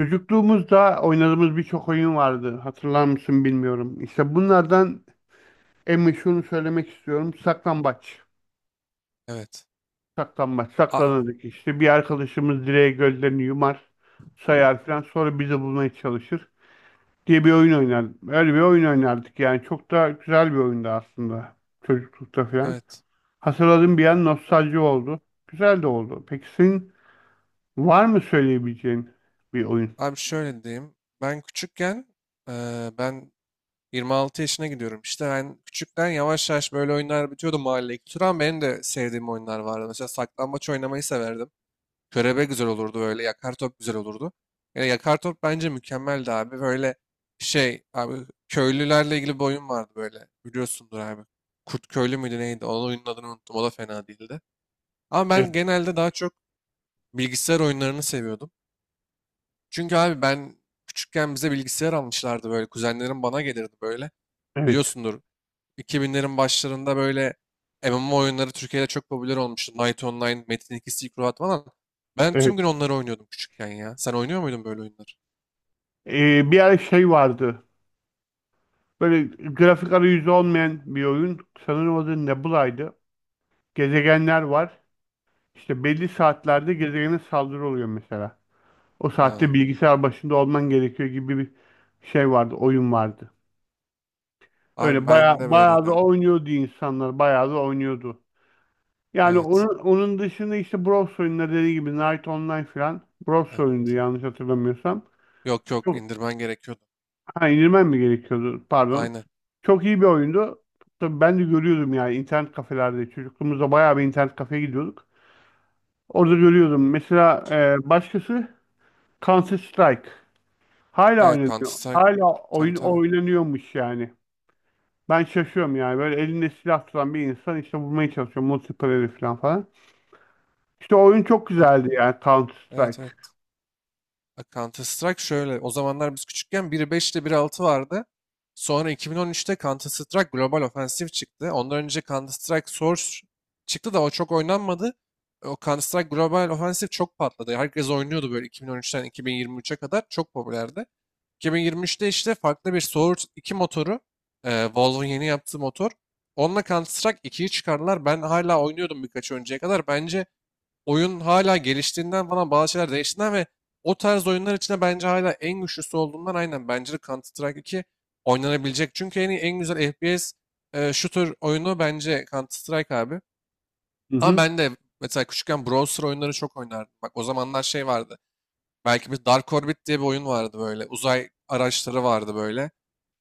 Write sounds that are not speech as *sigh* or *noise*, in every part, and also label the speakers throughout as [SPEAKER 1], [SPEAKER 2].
[SPEAKER 1] Çocukluğumuzda oynadığımız birçok oyun vardı. Hatırlar mısın bilmiyorum. İşte bunlardan en meşhurunu söylemek istiyorum. Saklambaç.
[SPEAKER 2] Evet.
[SPEAKER 1] Saklambaç.
[SPEAKER 2] Abi,
[SPEAKER 1] Saklanırdık işte. Bir arkadaşımız direğe gözlerini yumar, sayar falan. Sonra bizi bulmaya çalışır diye bir oyun oynardık. Öyle bir oyun oynardık yani. Çok da güzel bir oyundu aslında. Çocuklukta falan.
[SPEAKER 2] evet.
[SPEAKER 1] Hatırladığım bir an nostalji oldu. Güzel de oldu. Peki senin var mı söyleyebileceğin bir oyun?
[SPEAKER 2] Abi şöyle diyeyim. Ben küçükken ben 26 yaşına gidiyorum. İşte ben küçükken yavaş yavaş böyle oyunlar bitiyordu mahalleye. Turan benim de sevdiğim oyunlar vardı. Mesela saklambaç oynamayı severdim. Körebe güzel olurdu böyle. Yakar top güzel olurdu. Yani yakar top bence mükemmeldi abi. Böyle şey abi, köylülerle ilgili bir oyun vardı böyle. Biliyorsundur abi. Kurt köylü müydü neydi? Onun oyunun adını unuttum. O da fena değildi. Ama ben
[SPEAKER 1] Evet.
[SPEAKER 2] genelde daha çok bilgisayar oyunlarını seviyordum. Çünkü abi ben küçükken bize bilgisayar almışlardı böyle. Kuzenlerim bana gelirdi böyle.
[SPEAKER 1] Evet.
[SPEAKER 2] Biliyorsundur, 2000'lerin başlarında böyle MMO oyunları Türkiye'de çok popüler olmuştu. Knight Online, Metin 2, Silk Road falan. Ben
[SPEAKER 1] Evet.
[SPEAKER 2] tüm gün onları oynuyordum küçükken ya. Sen oynuyor muydun böyle oyunları?
[SPEAKER 1] Bir ara şey vardı. Böyle grafik arayüzü olmayan bir oyun. Sanırım adı Nebula'ydı. Gezegenler var. İşte belli saatlerde gezegene saldırı oluyor mesela. O saatte
[SPEAKER 2] Ha.
[SPEAKER 1] bilgisayar başında olman gerekiyor gibi bir şey vardı, oyun vardı.
[SPEAKER 2] Abi
[SPEAKER 1] Öyle
[SPEAKER 2] ben de
[SPEAKER 1] bayağı,
[SPEAKER 2] böyle
[SPEAKER 1] bayağı da
[SPEAKER 2] oynardım.
[SPEAKER 1] oynuyordu insanlar, bayağı da oynuyordu. Yani
[SPEAKER 2] Evet.
[SPEAKER 1] onun dışında işte Bros oyunları dediği gibi Night Online falan Bros
[SPEAKER 2] Evet.
[SPEAKER 1] oyundu yanlış hatırlamıyorsam.
[SPEAKER 2] Yok yok,
[SPEAKER 1] Çok
[SPEAKER 2] indirmen gerekiyordu.
[SPEAKER 1] Ha, indirmem mi gerekiyordu? Pardon.
[SPEAKER 2] Aynen.
[SPEAKER 1] Çok iyi bir oyundu. Tabii ben de görüyordum yani internet kafelerde. Çocukluğumuzda bayağı bir internet kafeye gidiyorduk. Orada görüyordum. Mesela başkası Counter Strike. Hala
[SPEAKER 2] Evet, Counter
[SPEAKER 1] oynanıyor.
[SPEAKER 2] Strike.
[SPEAKER 1] Hala
[SPEAKER 2] Tabii
[SPEAKER 1] oyun
[SPEAKER 2] tabii.
[SPEAKER 1] oynanıyormuş yani. Ben şaşıyorum yani. Böyle elinde silah tutan bir insan işte vurmaya çalışıyor. Multiplayer falan falan. İşte oyun çok
[SPEAKER 2] Tabii.
[SPEAKER 1] güzeldi yani Counter
[SPEAKER 2] Evet
[SPEAKER 1] Strike.
[SPEAKER 2] evet. Bak, Counter Strike şöyle. O zamanlar biz küçükken 1.5 ile biri altı vardı. Sonra 2013'te Counter Strike Global Offensive çıktı. Ondan önce Counter Strike Source çıktı da o çok oynanmadı. O Counter Strike Global Offensive çok patladı. Herkes oynuyordu böyle 2013'ten 2023'e kadar. Çok popülerdi. 2023'te işte farklı bir Source 2 motoru. Valve'ın yeni yaptığı motor. Onunla Counter Strike 2'yi çıkardılar. Ben hala oynuyordum birkaç önceye kadar. Bence oyun hala geliştiğinden falan, bazı şeyler değiştiğinden ve o tarz oyunlar içinde bence hala en güçlüsü olduğundan, aynen, bence de Counter-Strike 2 oynanabilecek. Çünkü en iyi, en güzel FPS shooter oyunu bence Counter-Strike abi.
[SPEAKER 1] Hı
[SPEAKER 2] Ama
[SPEAKER 1] hı.
[SPEAKER 2] ben de mesela küçükken browser oyunları çok oynardım. Bak, o zamanlar şey vardı. Belki bir Dark Orbit diye bir oyun vardı böyle. Uzay araçları vardı böyle,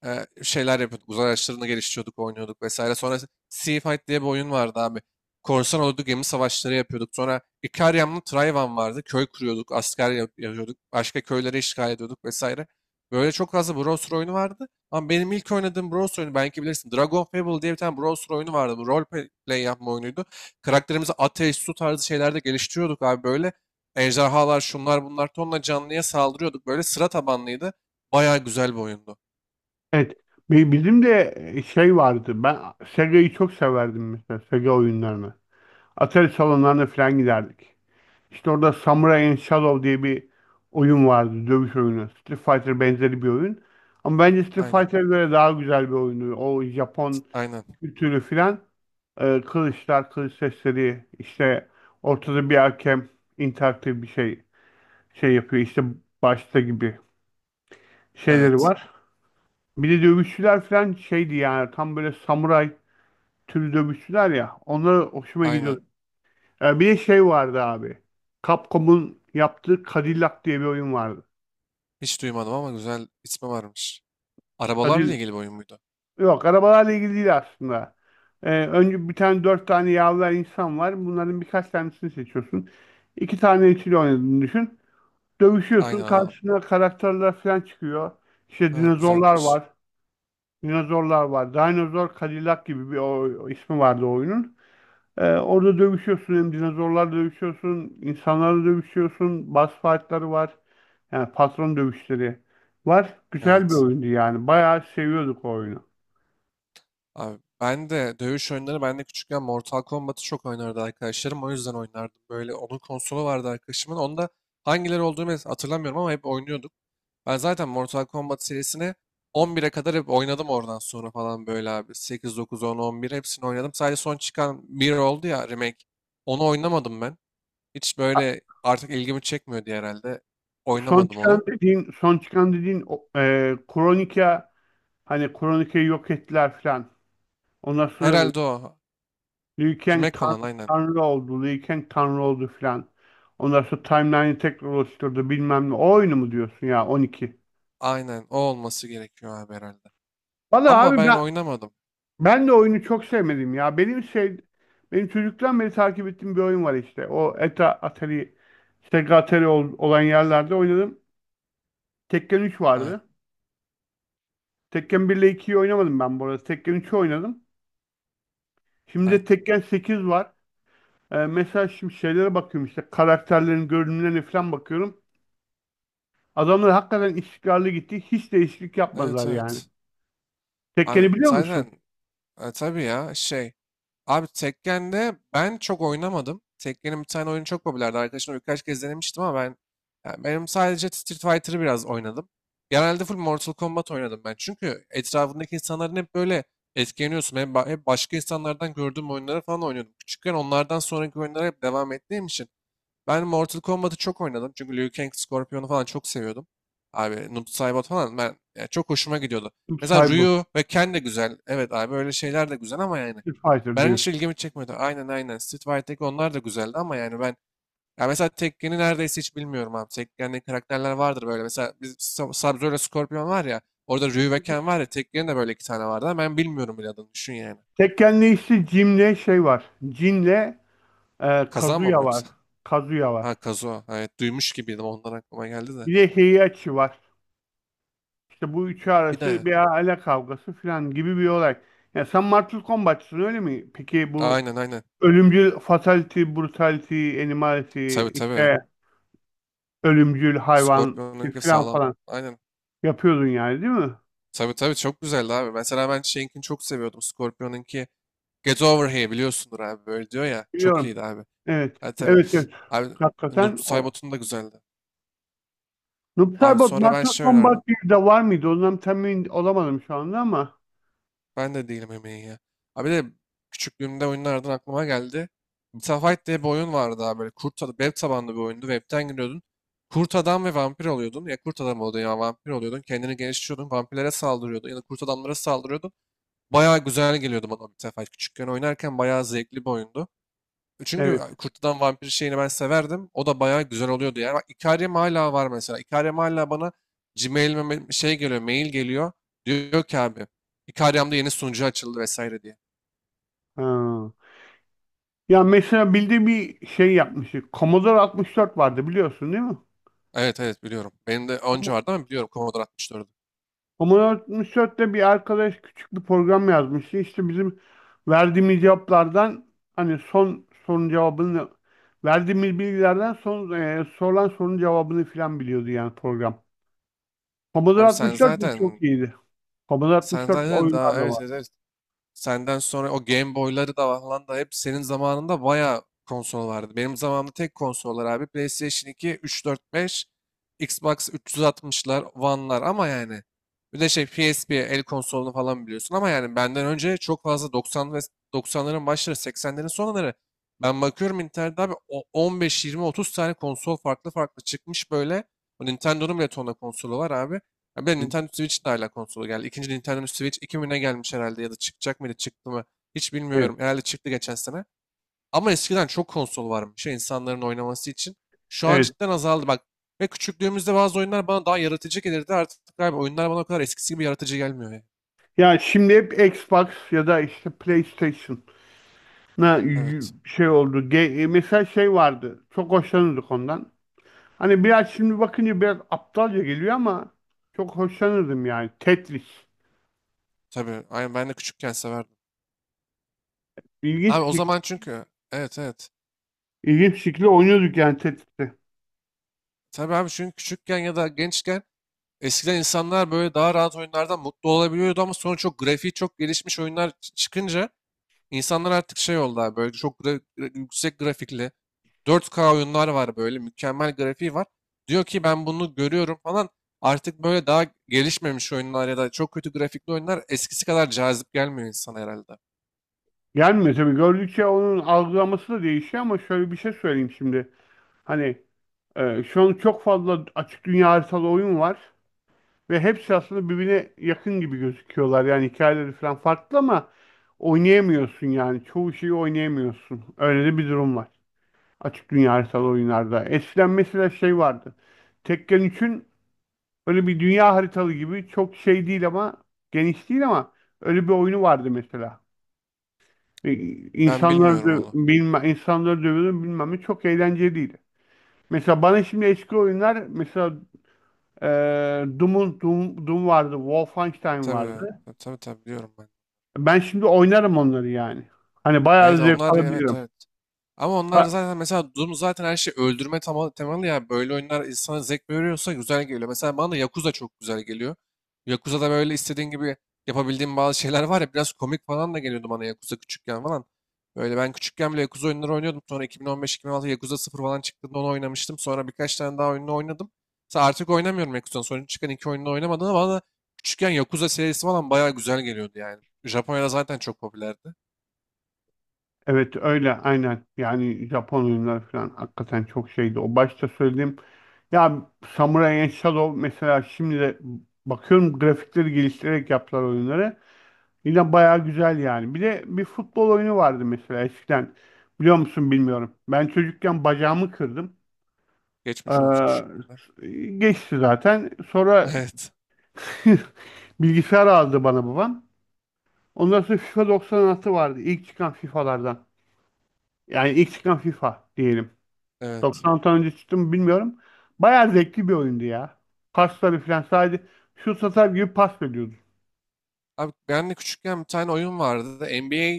[SPEAKER 2] şeyler yapıyorduk. Uzay araçlarını geliştiriyorduk, oynuyorduk vesaire. Sonra Sea Fight diye bir oyun vardı abi. Korsan oldu, gemi savaşları yapıyorduk. Sonra Ikariam'la Trayvan vardı. Köy kuruyorduk, asker yapıyorduk. Başka köyleri işgal ediyorduk vesaire. Böyle çok fazla browser oyunu vardı. Ama benim ilk oynadığım browser oyunu belki bilirsin. Dragon Fable diye bir tane browser oyunu vardı. Bu role play yapma oyunuydu. Karakterimizi ateş, su tarzı şeylerde geliştiriyorduk abi böyle. Ejderhalar, şunlar bunlar, tonla canlıya saldırıyorduk. Böyle sıra tabanlıydı. Bayağı güzel bir oyundu.
[SPEAKER 1] Evet. Bizim de şey vardı. Ben Sega'yı çok severdim mesela. Sega oyunlarını. Atari salonlarına falan giderdik. İşte orada Samurai and Shadow diye bir oyun vardı. Dövüş oyunu. Street Fighter benzeri bir oyun. Ama bence Street
[SPEAKER 2] Aynen.
[SPEAKER 1] Fighter'a göre daha güzel bir oyundu. O Japon
[SPEAKER 2] Aynen.
[SPEAKER 1] kültürü filan, kılıçlar, kılıç sesleri. İşte ortada bir hakem, interaktif bir şey, yapıyor. İşte başta gibi şeyleri
[SPEAKER 2] Evet.
[SPEAKER 1] var. Bir de dövüşçüler filan şeydi yani. Tam böyle samuray türü dövüşçüler ya. Onlara hoşuma
[SPEAKER 2] Aynen.
[SPEAKER 1] gidiyordu. Bir de şey vardı abi. Capcom'un yaptığı Cadillac diye bir oyun vardı.
[SPEAKER 2] Hiç duymadım ama güzel ismi varmış. Arabalarla
[SPEAKER 1] Cadillac.
[SPEAKER 2] ilgili bir oyun muydu?
[SPEAKER 1] Yok, arabalarla ilgili değil aslında. Önce bir tane, dört tane yavru insan var. Bunların birkaç tanesini seçiyorsun. İki tane ikili oynadığını düşün.
[SPEAKER 2] Aynen,
[SPEAKER 1] Dövüşüyorsun.
[SPEAKER 2] anladım.
[SPEAKER 1] Karşına karakterler falan çıkıyor. İşte
[SPEAKER 2] Ha,
[SPEAKER 1] dinozorlar
[SPEAKER 2] güzelmiş.
[SPEAKER 1] var. Dinozorlar var. Dinozor Cadillac gibi bir o ismi vardı o oyunun. Orada dövüşüyorsun, hem dinozorlarla dövüşüyorsun, insanlarla dövüşüyorsun, boss fight'ları var. Yani patron dövüşleri var. Güzel bir
[SPEAKER 2] Evet.
[SPEAKER 1] oyundu yani. Bayağı seviyorduk o oyunu.
[SPEAKER 2] Abi, ben de küçükken Mortal Kombat'ı çok oynardı arkadaşlarım. O yüzden oynardım. Böyle onun konsolu vardı arkadaşımın. Onda hangileri olduğunu hatırlamıyorum ama hep oynuyorduk. Ben zaten Mortal Kombat serisini 11'e kadar hep oynadım, oradan sonra falan böyle abi. 8, 9, 10, 11 hepsini oynadım. Sadece son çıkan bir oldu ya, remake. Onu oynamadım ben. Hiç böyle artık ilgimi çekmiyor diye herhalde.
[SPEAKER 1] Son
[SPEAKER 2] Oynamadım
[SPEAKER 1] çıkan
[SPEAKER 2] onu.
[SPEAKER 1] dediğin, Kronika, hani Kronika'yı yok ettiler filan. Ondan sonra
[SPEAKER 2] Herhalde o.
[SPEAKER 1] Liu Kang
[SPEAKER 2] Remake olan, aynen.
[SPEAKER 1] tanrı oldu filan. Ondan sonra timeline'i tekrar oluşturdu bilmem ne. O oyunu mu diyorsun ya, 12?
[SPEAKER 2] Aynen, o olması gerekiyor abi herhalde.
[SPEAKER 1] Valla
[SPEAKER 2] Ama
[SPEAKER 1] abi
[SPEAKER 2] ben
[SPEAKER 1] ben
[SPEAKER 2] oynamadım.
[SPEAKER 1] Ben de oyunu çok sevmedim ya. Benim çocuktan beri takip ettiğim bir oyun var işte. O ETA Atari, Sega Atari olan yerlerde oynadım. Tekken 3
[SPEAKER 2] Aynen.
[SPEAKER 1] vardı. Tekken 1 ile 2'yi oynamadım ben bu arada. Tekken 3'ü oynadım. Şimdi de
[SPEAKER 2] Aynen.
[SPEAKER 1] Tekken 8 var. Mesela şimdi şeylere bakıyorum, işte karakterlerin görünümlerine falan bakıyorum. Adamlar hakikaten istikrarlı gitti. Hiç değişiklik yapmadılar
[SPEAKER 2] Evet
[SPEAKER 1] yani.
[SPEAKER 2] evet. Abi
[SPEAKER 1] Tekken'i biliyor musun?
[SPEAKER 2] zaten, tabii ya, şey abi, Tekken'de ben çok oynamadım. Tekken'in bir tane oyunu çok popülerdi. Arkadaşımla birkaç kez denemiştim ama yani benim sadece Street Fighter'ı biraz oynadım. Genelde full Mortal Kombat oynadım ben. Çünkü etrafındaki insanların hep böyle, etkileniyorsun. Hep başka insanlardan gördüğüm oyunları falan oynuyordum. Küçükken onlardan sonraki oyunlara hep devam ettiğim için ben Mortal Kombat'ı çok oynadım. Çünkü Liu Kang, Scorpion'u falan çok seviyordum. Abi Noob Saibot falan, ben yani, çok hoşuma gidiyordu. Mesela
[SPEAKER 1] Cyborg,
[SPEAKER 2] Ryu ve Ken de güzel. Evet abi, öyle şeyler de güzel ama yani
[SPEAKER 1] Street Fighter
[SPEAKER 2] ben,
[SPEAKER 1] diyorsun.
[SPEAKER 2] hiç ilgimi çekmedi. Aynen aynen. Street Fighter'daki onlar da güzeldi ama yani ben, ya mesela Tekken'i neredeyse hiç bilmiyorum abi. Tekken'de karakterler vardır böyle. Mesela biz, Sub-Zero ile Scorpion var ya. Orada Ryu ve Ken var ya. Tekken'in de böyle iki tane vardı ama ben bilmiyorum bile adını. Düşün yani.
[SPEAKER 1] Tekken'le işte Jim'le şey var. Jin'le,
[SPEAKER 2] Kazanma mı
[SPEAKER 1] Kazuya var.
[SPEAKER 2] yoksa?
[SPEAKER 1] Kazuya var.
[SPEAKER 2] Ha, Kazuha. Evet, duymuş gibiydim. Ondan aklıma geldi de.
[SPEAKER 1] Bir de Heihachi var. İşte bu üçü
[SPEAKER 2] Bir
[SPEAKER 1] arası
[SPEAKER 2] de.
[SPEAKER 1] bir aile kavgası falan gibi bir olay. Ya sen Mortal Kombat'çısın öyle mi? Peki bu
[SPEAKER 2] Aynen aynen.
[SPEAKER 1] ölümcül fatality, brutality, animality,
[SPEAKER 2] Tabii tabii.
[SPEAKER 1] işte ölümcül hayvan
[SPEAKER 2] Scorpion'unki
[SPEAKER 1] falan
[SPEAKER 2] sağlam.
[SPEAKER 1] falan
[SPEAKER 2] Aynen.
[SPEAKER 1] yapıyordun yani, değil mi?
[SPEAKER 2] Tabii tabii, çok güzeldi abi. Mesela ben şeyinkini çok seviyordum. Scorpion'unki, Get Over Here, biliyorsundur abi. Böyle diyor ya. Çok
[SPEAKER 1] Biliyorum.
[SPEAKER 2] iyiydi abi.
[SPEAKER 1] Evet.
[SPEAKER 2] Ha tabii.
[SPEAKER 1] Evet evet.
[SPEAKER 2] Abi
[SPEAKER 1] Hakikaten o.
[SPEAKER 2] Nusaybot'un da güzeldi.
[SPEAKER 1] Noob
[SPEAKER 2] Abi
[SPEAKER 1] Saibot
[SPEAKER 2] sonra ben
[SPEAKER 1] Mortal
[SPEAKER 2] şey oynardım.
[SPEAKER 1] Kombat 1'de var mıydı? Ondan temin olamadım şu anda ama.
[SPEAKER 2] Ben de değilim emeği ya. Abi de, küçüklüğümde oyunlardan aklıma geldi. Metafight diye bir oyun vardı abi böyle. Kurt adam, web tabanlı bir oyundu. Webten giriyordun. Kurt adam ve vampir oluyordun. Ya kurt adam oluyordun ya vampir oluyordun. Kendini geliştiriyordun. Vampirlere saldırıyordun. Ya da kurt adamlara saldırıyordun. Bayağı güzel geliyordu bana Metafight. Küçükken oynarken bayağı zevkli bir oyundu. Çünkü
[SPEAKER 1] Evet.
[SPEAKER 2] Kurt'tan Vampir şeyini ben severdim. O da bayağı güzel oluyordu yani. Bak, Ikariam hala var mesela. Ikariam hala bana Gmail'ime mail geliyor. Diyor ki abi, Ikariam'da yeni sunucu açıldı vesaire diye.
[SPEAKER 1] Ha. Ya mesela bildiğim bir şey yapmıştık. Commodore 64 vardı, biliyorsun değil mi?
[SPEAKER 2] Evet evet, biliyorum. Benim de önce
[SPEAKER 1] Com-
[SPEAKER 2] vardı ama biliyorum Commodore 64'ü.
[SPEAKER 1] Commodore 64'te bir arkadaş küçük bir program yazmıştı. İşte bizim verdiğimiz cevaplardan, hani son sorunun cevabını, verdiğimiz bilgilerden son sorulan sorunun cevabını filan biliyordu yani program. Commodore
[SPEAKER 2] Abi sen
[SPEAKER 1] 64 de
[SPEAKER 2] zaten
[SPEAKER 1] çok iyiydi. Commodore
[SPEAKER 2] sen
[SPEAKER 1] 64
[SPEAKER 2] zaten
[SPEAKER 1] oyunlar
[SPEAKER 2] daha,
[SPEAKER 1] da
[SPEAKER 2] evet
[SPEAKER 1] var.
[SPEAKER 2] evet, evet. Senden sonra o Game Boy'ları da falan da, hep senin zamanında bayağı konsol vardı. Benim zamanımda tek konsollar abi PlayStation 2, 3, 4, 5, Xbox 360'lar, One'lar, ama yani bir de şey, PSP el konsolunu falan biliyorsun, ama yani benden önce çok fazla, 90 ve 90'ların başları, 80'lerin sonları, ben bakıyorum internette abi, 15, 20, 30 tane konsol farklı farklı çıkmış böyle. O Nintendo'nun bile tonla konsolu var abi. Ya bir de
[SPEAKER 1] Hı,
[SPEAKER 2] Nintendo Switch de hala konsola geldi. İkinci Nintendo Switch 2000'e gelmiş herhalde, ya da çıkacak mıydı, çıktı mı, hiç
[SPEAKER 1] evet.
[SPEAKER 2] bilmiyorum. Herhalde çıktı geçen sene. Ama eskiden çok konsol varmış ya insanların oynaması için. Şu an
[SPEAKER 1] Evet.
[SPEAKER 2] cidden azaldı bak. Ve küçüklüğümüzde bazı oyunlar bana daha yaratıcı gelirdi. Artık galiba oyunlar bana o kadar eskisi gibi yaratıcı gelmiyor ya.
[SPEAKER 1] Ya şimdi hep Xbox ya da işte PlayStation. na
[SPEAKER 2] Evet.
[SPEAKER 1] Şey oldu. Mesela şey vardı. Çok hoşlanırdık ondan. Hani biraz şimdi bakınca biraz aptalca geliyor ama çok hoşlanırdım yani. Tetris.
[SPEAKER 2] Tabii. Aynen, ben de küçükken severdim.
[SPEAKER 1] İlginç
[SPEAKER 2] Abi
[SPEAKER 1] bir
[SPEAKER 2] o
[SPEAKER 1] şekilde,
[SPEAKER 2] zaman çünkü, evet evet.
[SPEAKER 1] ilginç bir şekilde oynuyorduk yani Tetris'i.
[SPEAKER 2] Tabii abi, çünkü küçükken ya da gençken, eskiden insanlar böyle daha rahat oyunlardan mutlu olabiliyordu ama sonra çok grafiği, çok gelişmiş oyunlar çıkınca İnsanlar artık şey oldu abi, böyle çok yüksek grafikli, 4K oyunlar var böyle, mükemmel grafiği var. Diyor ki ben bunu görüyorum falan. Artık böyle daha gelişmemiş oyunlar ya da çok kötü grafikli oyunlar eskisi kadar cazip gelmiyor insana herhalde.
[SPEAKER 1] Gelmiyor tabii. Gördükçe onun algılaması da değişiyor ama şöyle bir şey söyleyeyim şimdi. Hani şu an çok fazla açık dünya haritalı oyun var ve hepsi aslında birbirine yakın gibi gözüküyorlar. Yani hikayeleri falan farklı ama oynayamıyorsun yani. Çoğu şeyi oynayamıyorsun. Öyle de bir durum var. Açık dünya haritalı oyunlarda. Eskiden mesela şey vardı. Tekken 3'ün öyle bir dünya haritalı gibi çok şey değil ama, geniş değil ama, öyle bir oyunu vardı mesela. E,
[SPEAKER 2] Ben
[SPEAKER 1] İnsanları
[SPEAKER 2] bilmiyorum
[SPEAKER 1] dö
[SPEAKER 2] onu.
[SPEAKER 1] bilme, insanları dövüyordun bilmem ne, çok eğlenceliydi. Mesela bana şimdi eski oyunlar mesela e, Doom vardı, Wolfenstein
[SPEAKER 2] Tabii
[SPEAKER 1] vardı.
[SPEAKER 2] tabii tabii, tabii biliyorum ben.
[SPEAKER 1] Ben şimdi oynarım onları yani. Hani
[SPEAKER 2] Evet,
[SPEAKER 1] bayağı zevk
[SPEAKER 2] onlar, evet
[SPEAKER 1] alabilirim.
[SPEAKER 2] evet. Ama onlar zaten, mesela Doom zaten her şey öldürme temalı ya. Böyle oyunlar insana zevk veriyorsa güzel geliyor. Mesela bana da Yakuza çok güzel geliyor. Yakuza'da böyle istediğin gibi yapabildiğim bazı şeyler var ya, biraz komik falan da geliyordu bana Yakuza küçükken falan. Böyle ben küçükken bile Yakuza oyunları oynuyordum. Sonra 2015-2016 Yakuza 0 falan çıktığında onu oynamıştım. Sonra birkaç tane daha oyununu oynadım. Mesela artık oynamıyorum Yakuza'nın. Sonra çıkan iki oyununu oynamadım ama bana da küçükken Yakuza serisi falan bayağı güzel geliyordu yani. Japonya'da zaten çok popülerdi.
[SPEAKER 1] Evet, öyle aynen. Yani Japon oyunları falan hakikaten çok şeydi. O başta söylediğim ya, Samurai and Shadow, mesela şimdi de bakıyorum grafikleri geliştirerek yaptılar oyunları. Yine bayağı güzel yani. Bir de bir futbol oyunu vardı mesela eskiden. Biliyor musun bilmiyorum. Ben çocukken bacağımı kırdım.
[SPEAKER 2] Geçmiş olsun küçüklüğünden.
[SPEAKER 1] Ee, geçti zaten.
[SPEAKER 2] *laughs*
[SPEAKER 1] Sonra
[SPEAKER 2] Evet.
[SPEAKER 1] *laughs* bilgisayar aldı bana babam. Ondan sonra FIFA 96 vardı. İlk çıkan FIFA'lardan. Yani ilk çıkan FIFA diyelim.
[SPEAKER 2] Evet.
[SPEAKER 1] 90 tane önce çıktı mı bilmiyorum. Bayağı zevkli bir oyundu ya. Pasları falan sadece şut atar gibi pas veriyordu.
[SPEAKER 2] Abi ben de küçükken bir tane oyun vardı. NBA,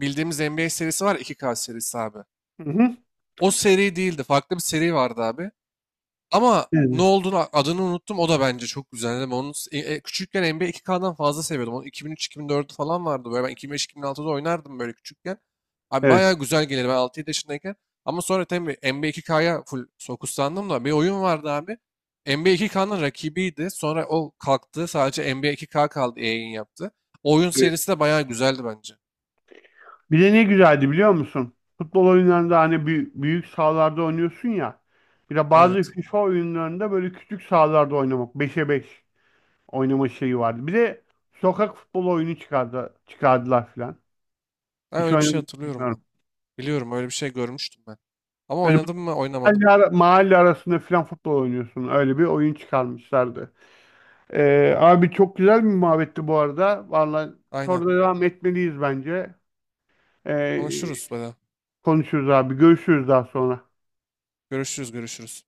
[SPEAKER 2] bildiğimiz NBA serisi var ya, 2K serisi abi.
[SPEAKER 1] Hı hı.
[SPEAKER 2] O seri değildi. Farklı bir seri vardı abi. Ama ne
[SPEAKER 1] Evet.
[SPEAKER 2] olduğunu, adını unuttum. O da bence çok güzeldi. Ben onu, küçükken, NBA 2K'dan fazla seviyordum. Onu 2003-2004 falan vardı. Böyle ben 2005-2006'da oynardım böyle küçükken. Abi
[SPEAKER 1] Evet.
[SPEAKER 2] bayağı güzel gelirdi ben 6-7 yaşındayken. Ama sonra tabii NBA 2K'ya full fokuslandım da, bir oyun vardı abi. NBA 2K'nın rakibiydi. Sonra o kalktı. Sadece NBA 2K kaldı. Yayın yaptı. O oyun
[SPEAKER 1] Evet.
[SPEAKER 2] serisi de bayağı güzeldi bence.
[SPEAKER 1] Bir de ne güzeldi biliyor musun? Futbol oyunlarında hani büyük, büyük sahalarda oynuyorsun ya. Bir de bazı
[SPEAKER 2] Evet.
[SPEAKER 1] FIFA oyunlarında böyle küçük sahalarda oynamak, beşe 5 oynama şeyi vardı. Bir de sokak futbol oyunu çıkardılar filan.
[SPEAKER 2] Ben
[SPEAKER 1] Hiç
[SPEAKER 2] öyle bir
[SPEAKER 1] oynadım
[SPEAKER 2] şey
[SPEAKER 1] mı
[SPEAKER 2] hatırlıyorum ben.
[SPEAKER 1] bilmiyorum.
[SPEAKER 2] Biliyorum, öyle bir şey görmüştüm ben. Ama
[SPEAKER 1] Böyle
[SPEAKER 2] oynadım mı? Oynamadım.
[SPEAKER 1] mahalle arasında filan futbol oynuyorsun. Öyle bir oyun çıkarmışlardı. Abi çok güzel bir muhabbetti bu arada. Vallahi
[SPEAKER 2] Aynen.
[SPEAKER 1] sonra devam etmeliyiz bence. Ee,
[SPEAKER 2] Konuşuruz böyle.
[SPEAKER 1] konuşuruz abi. Görüşürüz daha sonra.
[SPEAKER 2] Görüşürüz, görüşürüz.